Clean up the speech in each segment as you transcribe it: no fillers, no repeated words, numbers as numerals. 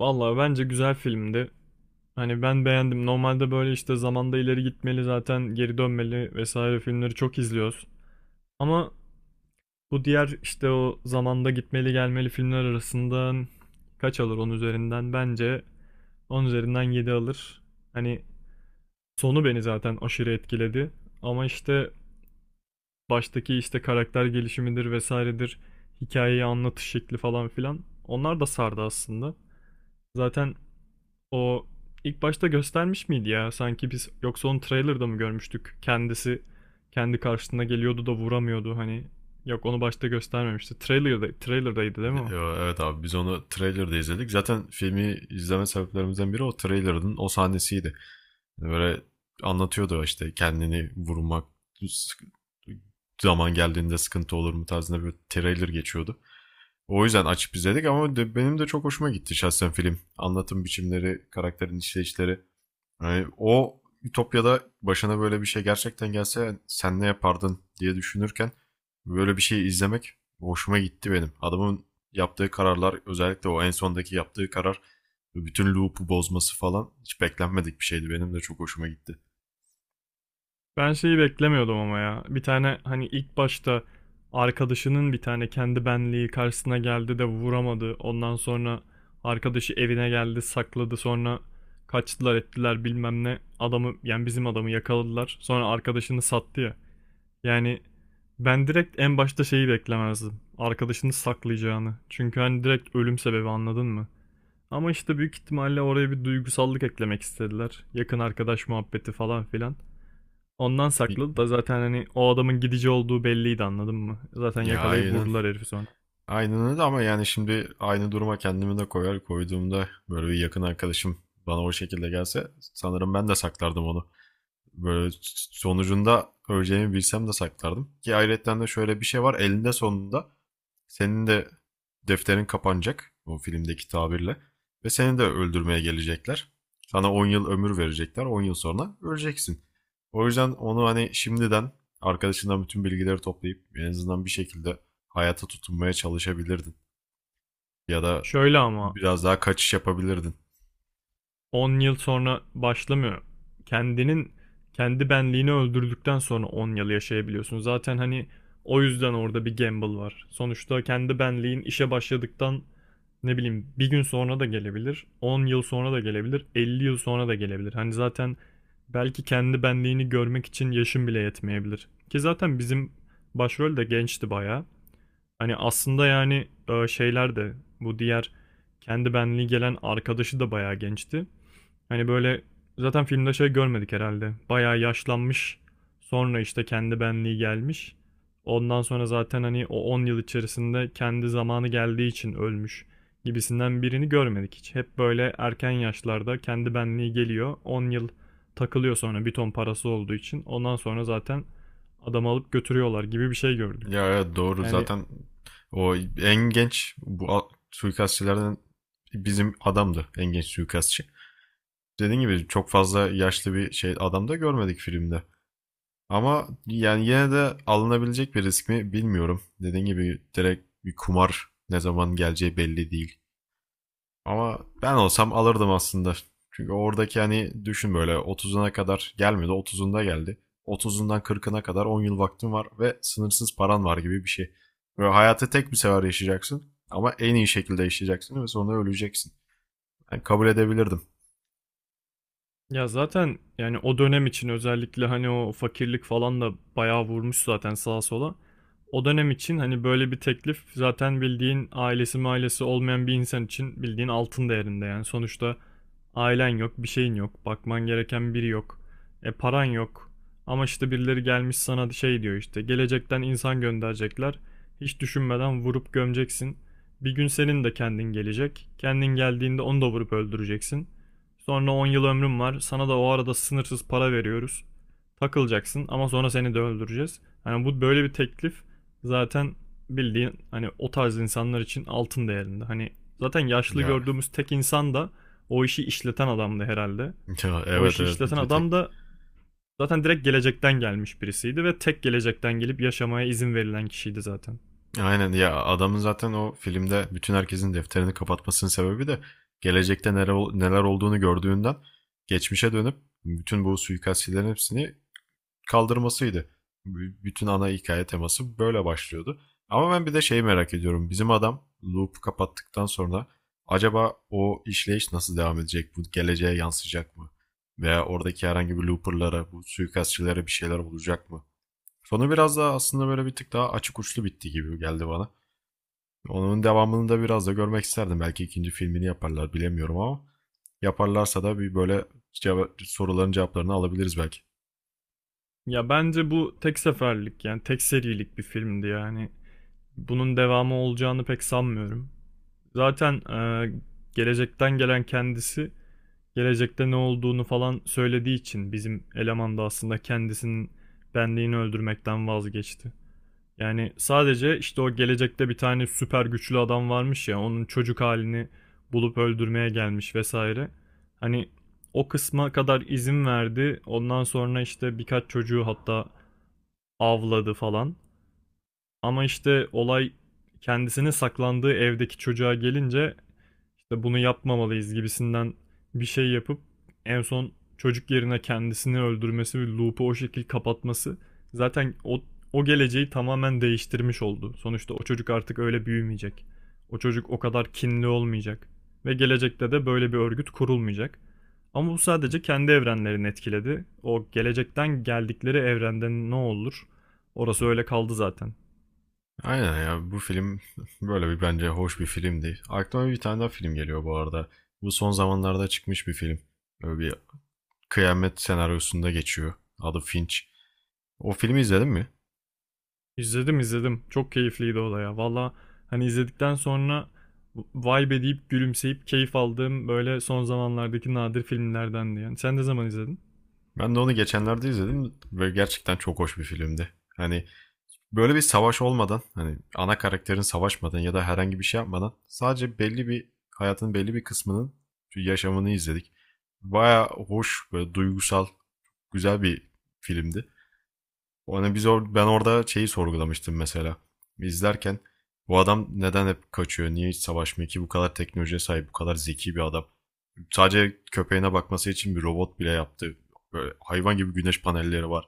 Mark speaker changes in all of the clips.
Speaker 1: Vallahi bence güzel filmdi. Hani ben beğendim. Normalde böyle işte zamanda ileri gitmeli, zaten geri dönmeli vesaire filmleri çok izliyoruz. Ama bu diğer işte o zamanda gitmeli gelmeli filmler arasından kaç alır 10 üzerinden? Bence 10 üzerinden 7 alır. Hani sonu beni zaten aşırı etkiledi. Ama işte baştaki işte karakter gelişimidir vesairedir. Hikayeyi anlatış şekli falan filan. Onlar da sardı aslında. Zaten o ilk başta göstermiş miydi ya? Sanki biz yoksa onu trailer'da mı görmüştük? Kendisi kendi karşısına geliyordu da vuramıyordu hani. Yok, onu başta göstermemişti. Trailer'daydı değil mi o?
Speaker 2: Evet abi biz onu trailer'da izledik. Zaten filmi izleme sebeplerimizden biri o trailer'ın o sahnesiydi. Yani böyle anlatıyordu işte kendini vurmak sık- zaman geldiğinde sıkıntı olur mu tarzında bir trailer geçiyordu. O yüzden açıp izledik ama benim de çok hoşuma gitti şahsen film. Anlatım biçimleri, karakterin işleyişleri. Yani o Ütopya'da başına böyle bir şey gerçekten gelse sen ne yapardın diye düşünürken böyle bir şey izlemek hoşuma gitti benim. Adamın yaptığı kararlar, özellikle o en sondaki yaptığı karar ve bütün loop'u bozması falan hiç beklenmedik bir şeydi. Benim de çok hoşuma gitti.
Speaker 1: Ben şeyi beklemiyordum ama ya. Bir tane hani ilk başta arkadaşının bir tane kendi benliği karşısına geldi de vuramadı. Ondan sonra arkadaşı evine geldi, sakladı. Sonra kaçtılar ettiler bilmem ne. Adamı, yani bizim adamı, yakaladılar. Sonra arkadaşını sattı ya. Yani ben direkt en başta şeyi beklemezdim. Arkadaşını saklayacağını. Çünkü hani direkt ölüm sebebi, anladın mı? Ama işte büyük ihtimalle oraya bir duygusallık eklemek istediler. Yakın arkadaş muhabbeti falan filan. Ondan sakladı da zaten hani o adamın gidici olduğu belliydi, anladın mı? Zaten
Speaker 2: Ya,
Speaker 1: yakalayıp
Speaker 2: aynen.
Speaker 1: vurdular herifi sonra.
Speaker 2: Aynen öyle, ama yani şimdi aynı duruma kendimi de koyar koyduğumda, böyle bir yakın arkadaşım bana o şekilde gelse sanırım ben de saklardım onu. Böyle sonucunda öleceğimi bilsem de saklardım. Ki ayrıyetten de şöyle bir şey var. Elinde sonunda senin de defterin kapanacak o filmdeki tabirle ve seni de öldürmeye gelecekler. Sana 10 yıl ömür verecekler. On yıl sonra öleceksin. O yüzden onu hani şimdiden arkadaşından bütün bilgileri toplayıp en azından bir şekilde hayata tutunmaya çalışabilirdin. Ya da
Speaker 1: Şöyle ama
Speaker 2: biraz daha kaçış yapabilirdin.
Speaker 1: 10 yıl sonra başlamıyor. Kendinin kendi benliğini öldürdükten sonra 10 yıl yaşayabiliyorsun. Zaten hani o yüzden orada bir gamble var. Sonuçta kendi benliğin işe başladıktan ne bileyim bir gün sonra da gelebilir, 10 yıl sonra da gelebilir, 50 yıl sonra da gelebilir. Hani zaten belki kendi benliğini görmek için yaşın bile yetmeyebilir. Ki zaten bizim başrol de gençti bayağı. Hani aslında yani şeyler de bu diğer kendi benliği gelen arkadaşı da bayağı gençti. Hani böyle zaten filmde şey görmedik herhalde. Bayağı yaşlanmış. Sonra işte kendi benliği gelmiş. Ondan sonra zaten hani o 10 yıl içerisinde kendi zamanı geldiği için ölmüş gibisinden birini görmedik hiç. Hep böyle erken yaşlarda kendi benliği geliyor. 10 yıl takılıyor sonra, bir ton parası olduğu için. Ondan sonra zaten adamı alıp götürüyorlar gibi bir şey gördük.
Speaker 2: Ya evet, doğru
Speaker 1: Yani,
Speaker 2: zaten o en genç bu suikastçilerden bizim adamdı en genç suikastçı. Dediğim gibi çok fazla yaşlı bir şey adam da görmedik filmde. Ama yani yine de alınabilecek bir risk mi bilmiyorum. Dediğim gibi direkt bir kumar, ne zaman geleceği belli değil. Ama ben olsam alırdım aslında. Çünkü oradaki hani düşün, böyle 30'una kadar gelmedi, 30'unda geldi. 30'undan 40'ına kadar 10 yıl vaktin var ve sınırsız paran var gibi bir şey. Böyle hayatı tek bir sefer yaşayacaksın ama en iyi şekilde yaşayacaksın ve sonra öleceksin. Yani kabul edebilirdim.
Speaker 1: ya zaten yani o dönem için özellikle hani o fakirlik falan da bayağı vurmuş zaten sağa sola. O dönem için hani böyle bir teklif zaten, bildiğin ailesi mailesi olmayan bir insan için, bildiğin altın değerinde yani. Sonuçta ailen yok, bir şeyin yok, bakman gereken biri yok. E paran yok. Ama işte birileri gelmiş sana şey diyor işte: gelecekten insan gönderecekler. Hiç düşünmeden vurup gömeceksin. Bir gün senin de kendin gelecek. Kendin geldiğinde onu da vurup öldüreceksin. Sonra 10 yıl ömrüm var. Sana da o arada sınırsız para veriyoruz. Takılacaksın ama sonra seni de öldüreceğiz. Hani bu böyle bir teklif zaten bildiğin hani o tarz insanlar için altın değerinde. Hani zaten yaşlı
Speaker 2: Ya,
Speaker 1: gördüğümüz tek insan da o işi işleten adamdı herhalde.
Speaker 2: ya
Speaker 1: O
Speaker 2: evet,
Speaker 1: işi
Speaker 2: evet, bir,
Speaker 1: işleten
Speaker 2: bir
Speaker 1: adam
Speaker 2: tek.
Speaker 1: da zaten direkt gelecekten gelmiş birisiydi ve tek gelecekten gelip yaşamaya izin verilen kişiydi zaten.
Speaker 2: Aynen ya, adamın zaten o filmde bütün herkesin defterini kapatmasının sebebi de gelecekte neler olduğunu gördüğünden geçmişe dönüp bütün bu suikastçilerin hepsini kaldırmasıydı. Bütün ana hikaye teması böyle başlıyordu. Ama ben bir de şeyi merak ediyorum. Bizim adam loop kapattıktan sonra acaba o işleyiş nasıl devam edecek? Bu geleceğe yansıyacak mı? Veya oradaki herhangi bir looperlara, bu suikastçilere bir şeyler olacak mı? Sonu biraz daha aslında böyle bir tık daha açık uçlu bitti gibi geldi bana. Onun devamını da biraz da görmek isterdim. Belki ikinci filmini yaparlar, bilemiyorum, ama yaparlarsa da bir böyle soruların cevaplarını alabiliriz belki.
Speaker 1: Ya bence bu tek seferlik, yani tek serilik bir filmdi yani. Bunun devamı olacağını pek sanmıyorum. Zaten gelecekten gelen kendisi gelecekte ne olduğunu falan söylediği için bizim eleman da aslında kendisinin benliğini öldürmekten vazgeçti. Yani sadece işte o gelecekte bir tane süper güçlü adam varmış ya, onun çocuk halini bulup öldürmeye gelmiş vesaire. Hani o kısma kadar izin verdi. Ondan sonra işte birkaç çocuğu hatta avladı falan. Ama işte olay kendisine saklandığı evdeki çocuğa gelince işte bunu yapmamalıyız gibisinden bir şey yapıp en son çocuk yerine kendisini öldürmesi ve loop'u o şekil kapatması zaten o geleceği tamamen değiştirmiş oldu. Sonuçta o çocuk artık öyle büyümeyecek. O çocuk o kadar kinli olmayacak ve gelecekte de böyle bir örgüt kurulmayacak. Ama bu sadece kendi evrenlerini etkiledi. O gelecekten geldikleri evrende ne olur? Orası öyle kaldı zaten.
Speaker 2: Aynen ya, bu film böyle bir, bence hoş bir filmdi. Aklıma bir tane daha film geliyor bu arada. Bu son zamanlarda çıkmış bir film. Böyle bir kıyamet senaryosunda geçiyor. Adı Finch. O filmi izledin mi?
Speaker 1: İzledim, izledim. Çok keyifliydi o da ya. Valla hani izledikten sonra vay be deyip gülümseyip keyif aldığım böyle son zamanlardaki nadir filmlerdendi yani. Sen ne zaman izledin?
Speaker 2: Ben de onu geçenlerde izledim ve gerçekten çok hoş bir filmdi. Hani böyle bir savaş olmadan, hani ana karakterin savaşmadan ya da herhangi bir şey yapmadan, sadece belli bir hayatın belli bir kısmının yaşamını izledik. Baya hoş, böyle duygusal, güzel bir filmdi. Hani biz or ben orada şeyi sorgulamıştım mesela. İzlerken, bu adam neden hep kaçıyor? Niye hiç savaşmıyor ki? Bu kadar teknolojiye sahip, bu kadar zeki bir adam. Sadece köpeğine bakması için bir robot bile yaptı. Böyle hayvan gibi güneş panelleri var.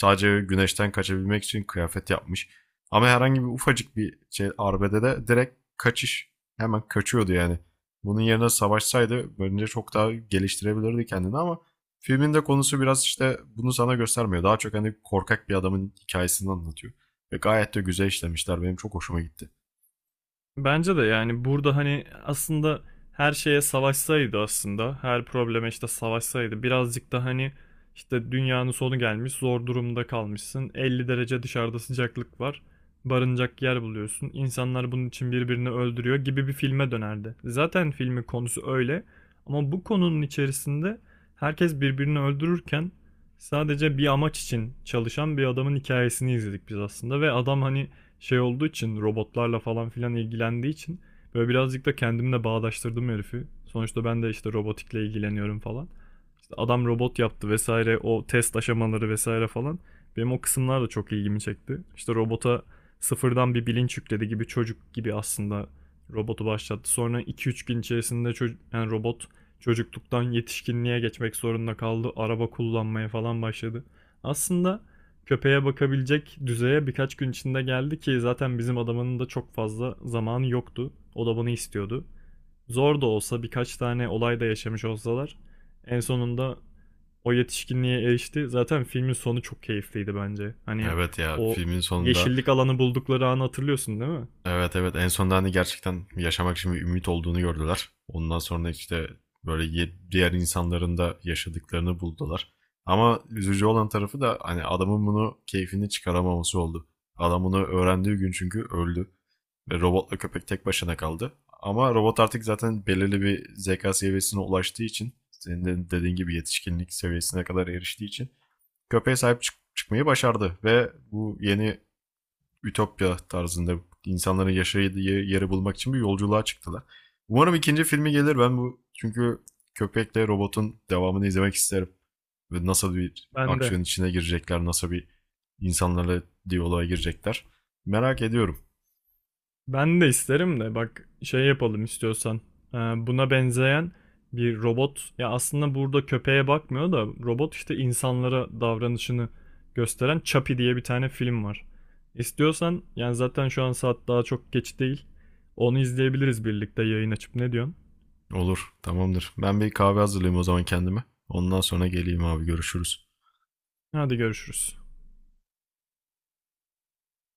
Speaker 2: Sadece güneşten kaçabilmek için kıyafet yapmış. Ama herhangi bir ufacık bir şey arbedede de direkt kaçış. Hemen kaçıyordu yani. Bunun yerine savaşsaydı bence çok daha geliştirebilirdi kendini, ama filmin de konusu biraz işte bunu sana göstermiyor. Daha çok hani korkak bir adamın hikayesini anlatıyor. Ve gayet de güzel işlemişler. Benim çok hoşuma gitti.
Speaker 1: Bence de yani burada hani aslında her şeye savaşsaydı, aslında her probleme işte savaşsaydı, birazcık da hani işte dünyanın sonu gelmiş, zor durumda kalmışsın, 50 derece dışarıda sıcaklık var, barınacak yer buluyorsun, insanlar bunun için birbirini öldürüyor gibi bir filme dönerdi. Zaten filmin konusu öyle ama bu konunun içerisinde herkes birbirini öldürürken sadece bir amaç için çalışan bir adamın hikayesini izledik biz aslında ve adam hani şey olduğu için, robotlarla falan filan ilgilendiği için böyle birazcık da kendimle bağdaştırdım herifi. Sonuçta ben de işte robotikle ilgileniyorum falan. İşte adam robot yaptı vesaire, o test aşamaları vesaire falan. Benim o kısımlar da çok ilgimi çekti. İşte robota sıfırdan bir bilinç yükledi, gibi çocuk gibi aslında robotu başlattı. Sonra iki üç gün içerisinde yani robot çocukluktan yetişkinliğe geçmek zorunda kaldı. Araba kullanmaya falan başladı. Aslında köpeğe bakabilecek düzeye birkaç gün içinde geldi ki zaten bizim adamının da çok fazla zamanı yoktu. O da bunu istiyordu. Zor da olsa birkaç tane olay da yaşamış olsalar en sonunda o yetişkinliğe erişti. Zaten filmin sonu çok keyifliydi bence. Hani
Speaker 2: Evet ya,
Speaker 1: o
Speaker 2: filmin sonunda.
Speaker 1: yeşillik alanı buldukları anı hatırlıyorsun değil mi?
Speaker 2: Evet, evet, en sonunda hani gerçekten yaşamak için bir ümit olduğunu gördüler. Ondan sonra işte böyle diğer insanların da yaşadıklarını buldular. Ama üzücü olan tarafı da hani adamın bunu keyfini çıkaramaması oldu. Adam bunu öğrendiği gün çünkü öldü. Ve robotla köpek tek başına kaldı. Ama robot artık zaten belirli bir zeka seviyesine ulaştığı için, senin de dediğin gibi yetişkinlik seviyesine kadar eriştiği için köpeğe sahip çıkmayı başardı ve bu yeni ütopya tarzında insanların yaşadığı yeri bulmak için bir yolculuğa çıktılar. Umarım ikinci filmi gelir. Ben bu çünkü köpekle robotun devamını izlemek isterim. Ve nasıl bir
Speaker 1: Ben de.
Speaker 2: aksiyon içine girecekler, nasıl bir insanlarla diyaloğa girecekler. Merak ediyorum.
Speaker 1: Ben de isterim de bak şey yapalım istiyorsan. Buna benzeyen bir robot, ya aslında burada köpeğe bakmıyor da robot işte insanlara davranışını gösteren, Chappie diye bir tane film var. İstiyorsan yani zaten şu an saat daha çok geç değil. Onu izleyebiliriz birlikte, yayın açıp. Ne diyorsun?
Speaker 2: Olur, tamamdır. Ben bir kahve hazırlayayım o zaman kendime. Ondan sonra geleyim abi, görüşürüz.
Speaker 1: Hadi görüşürüz.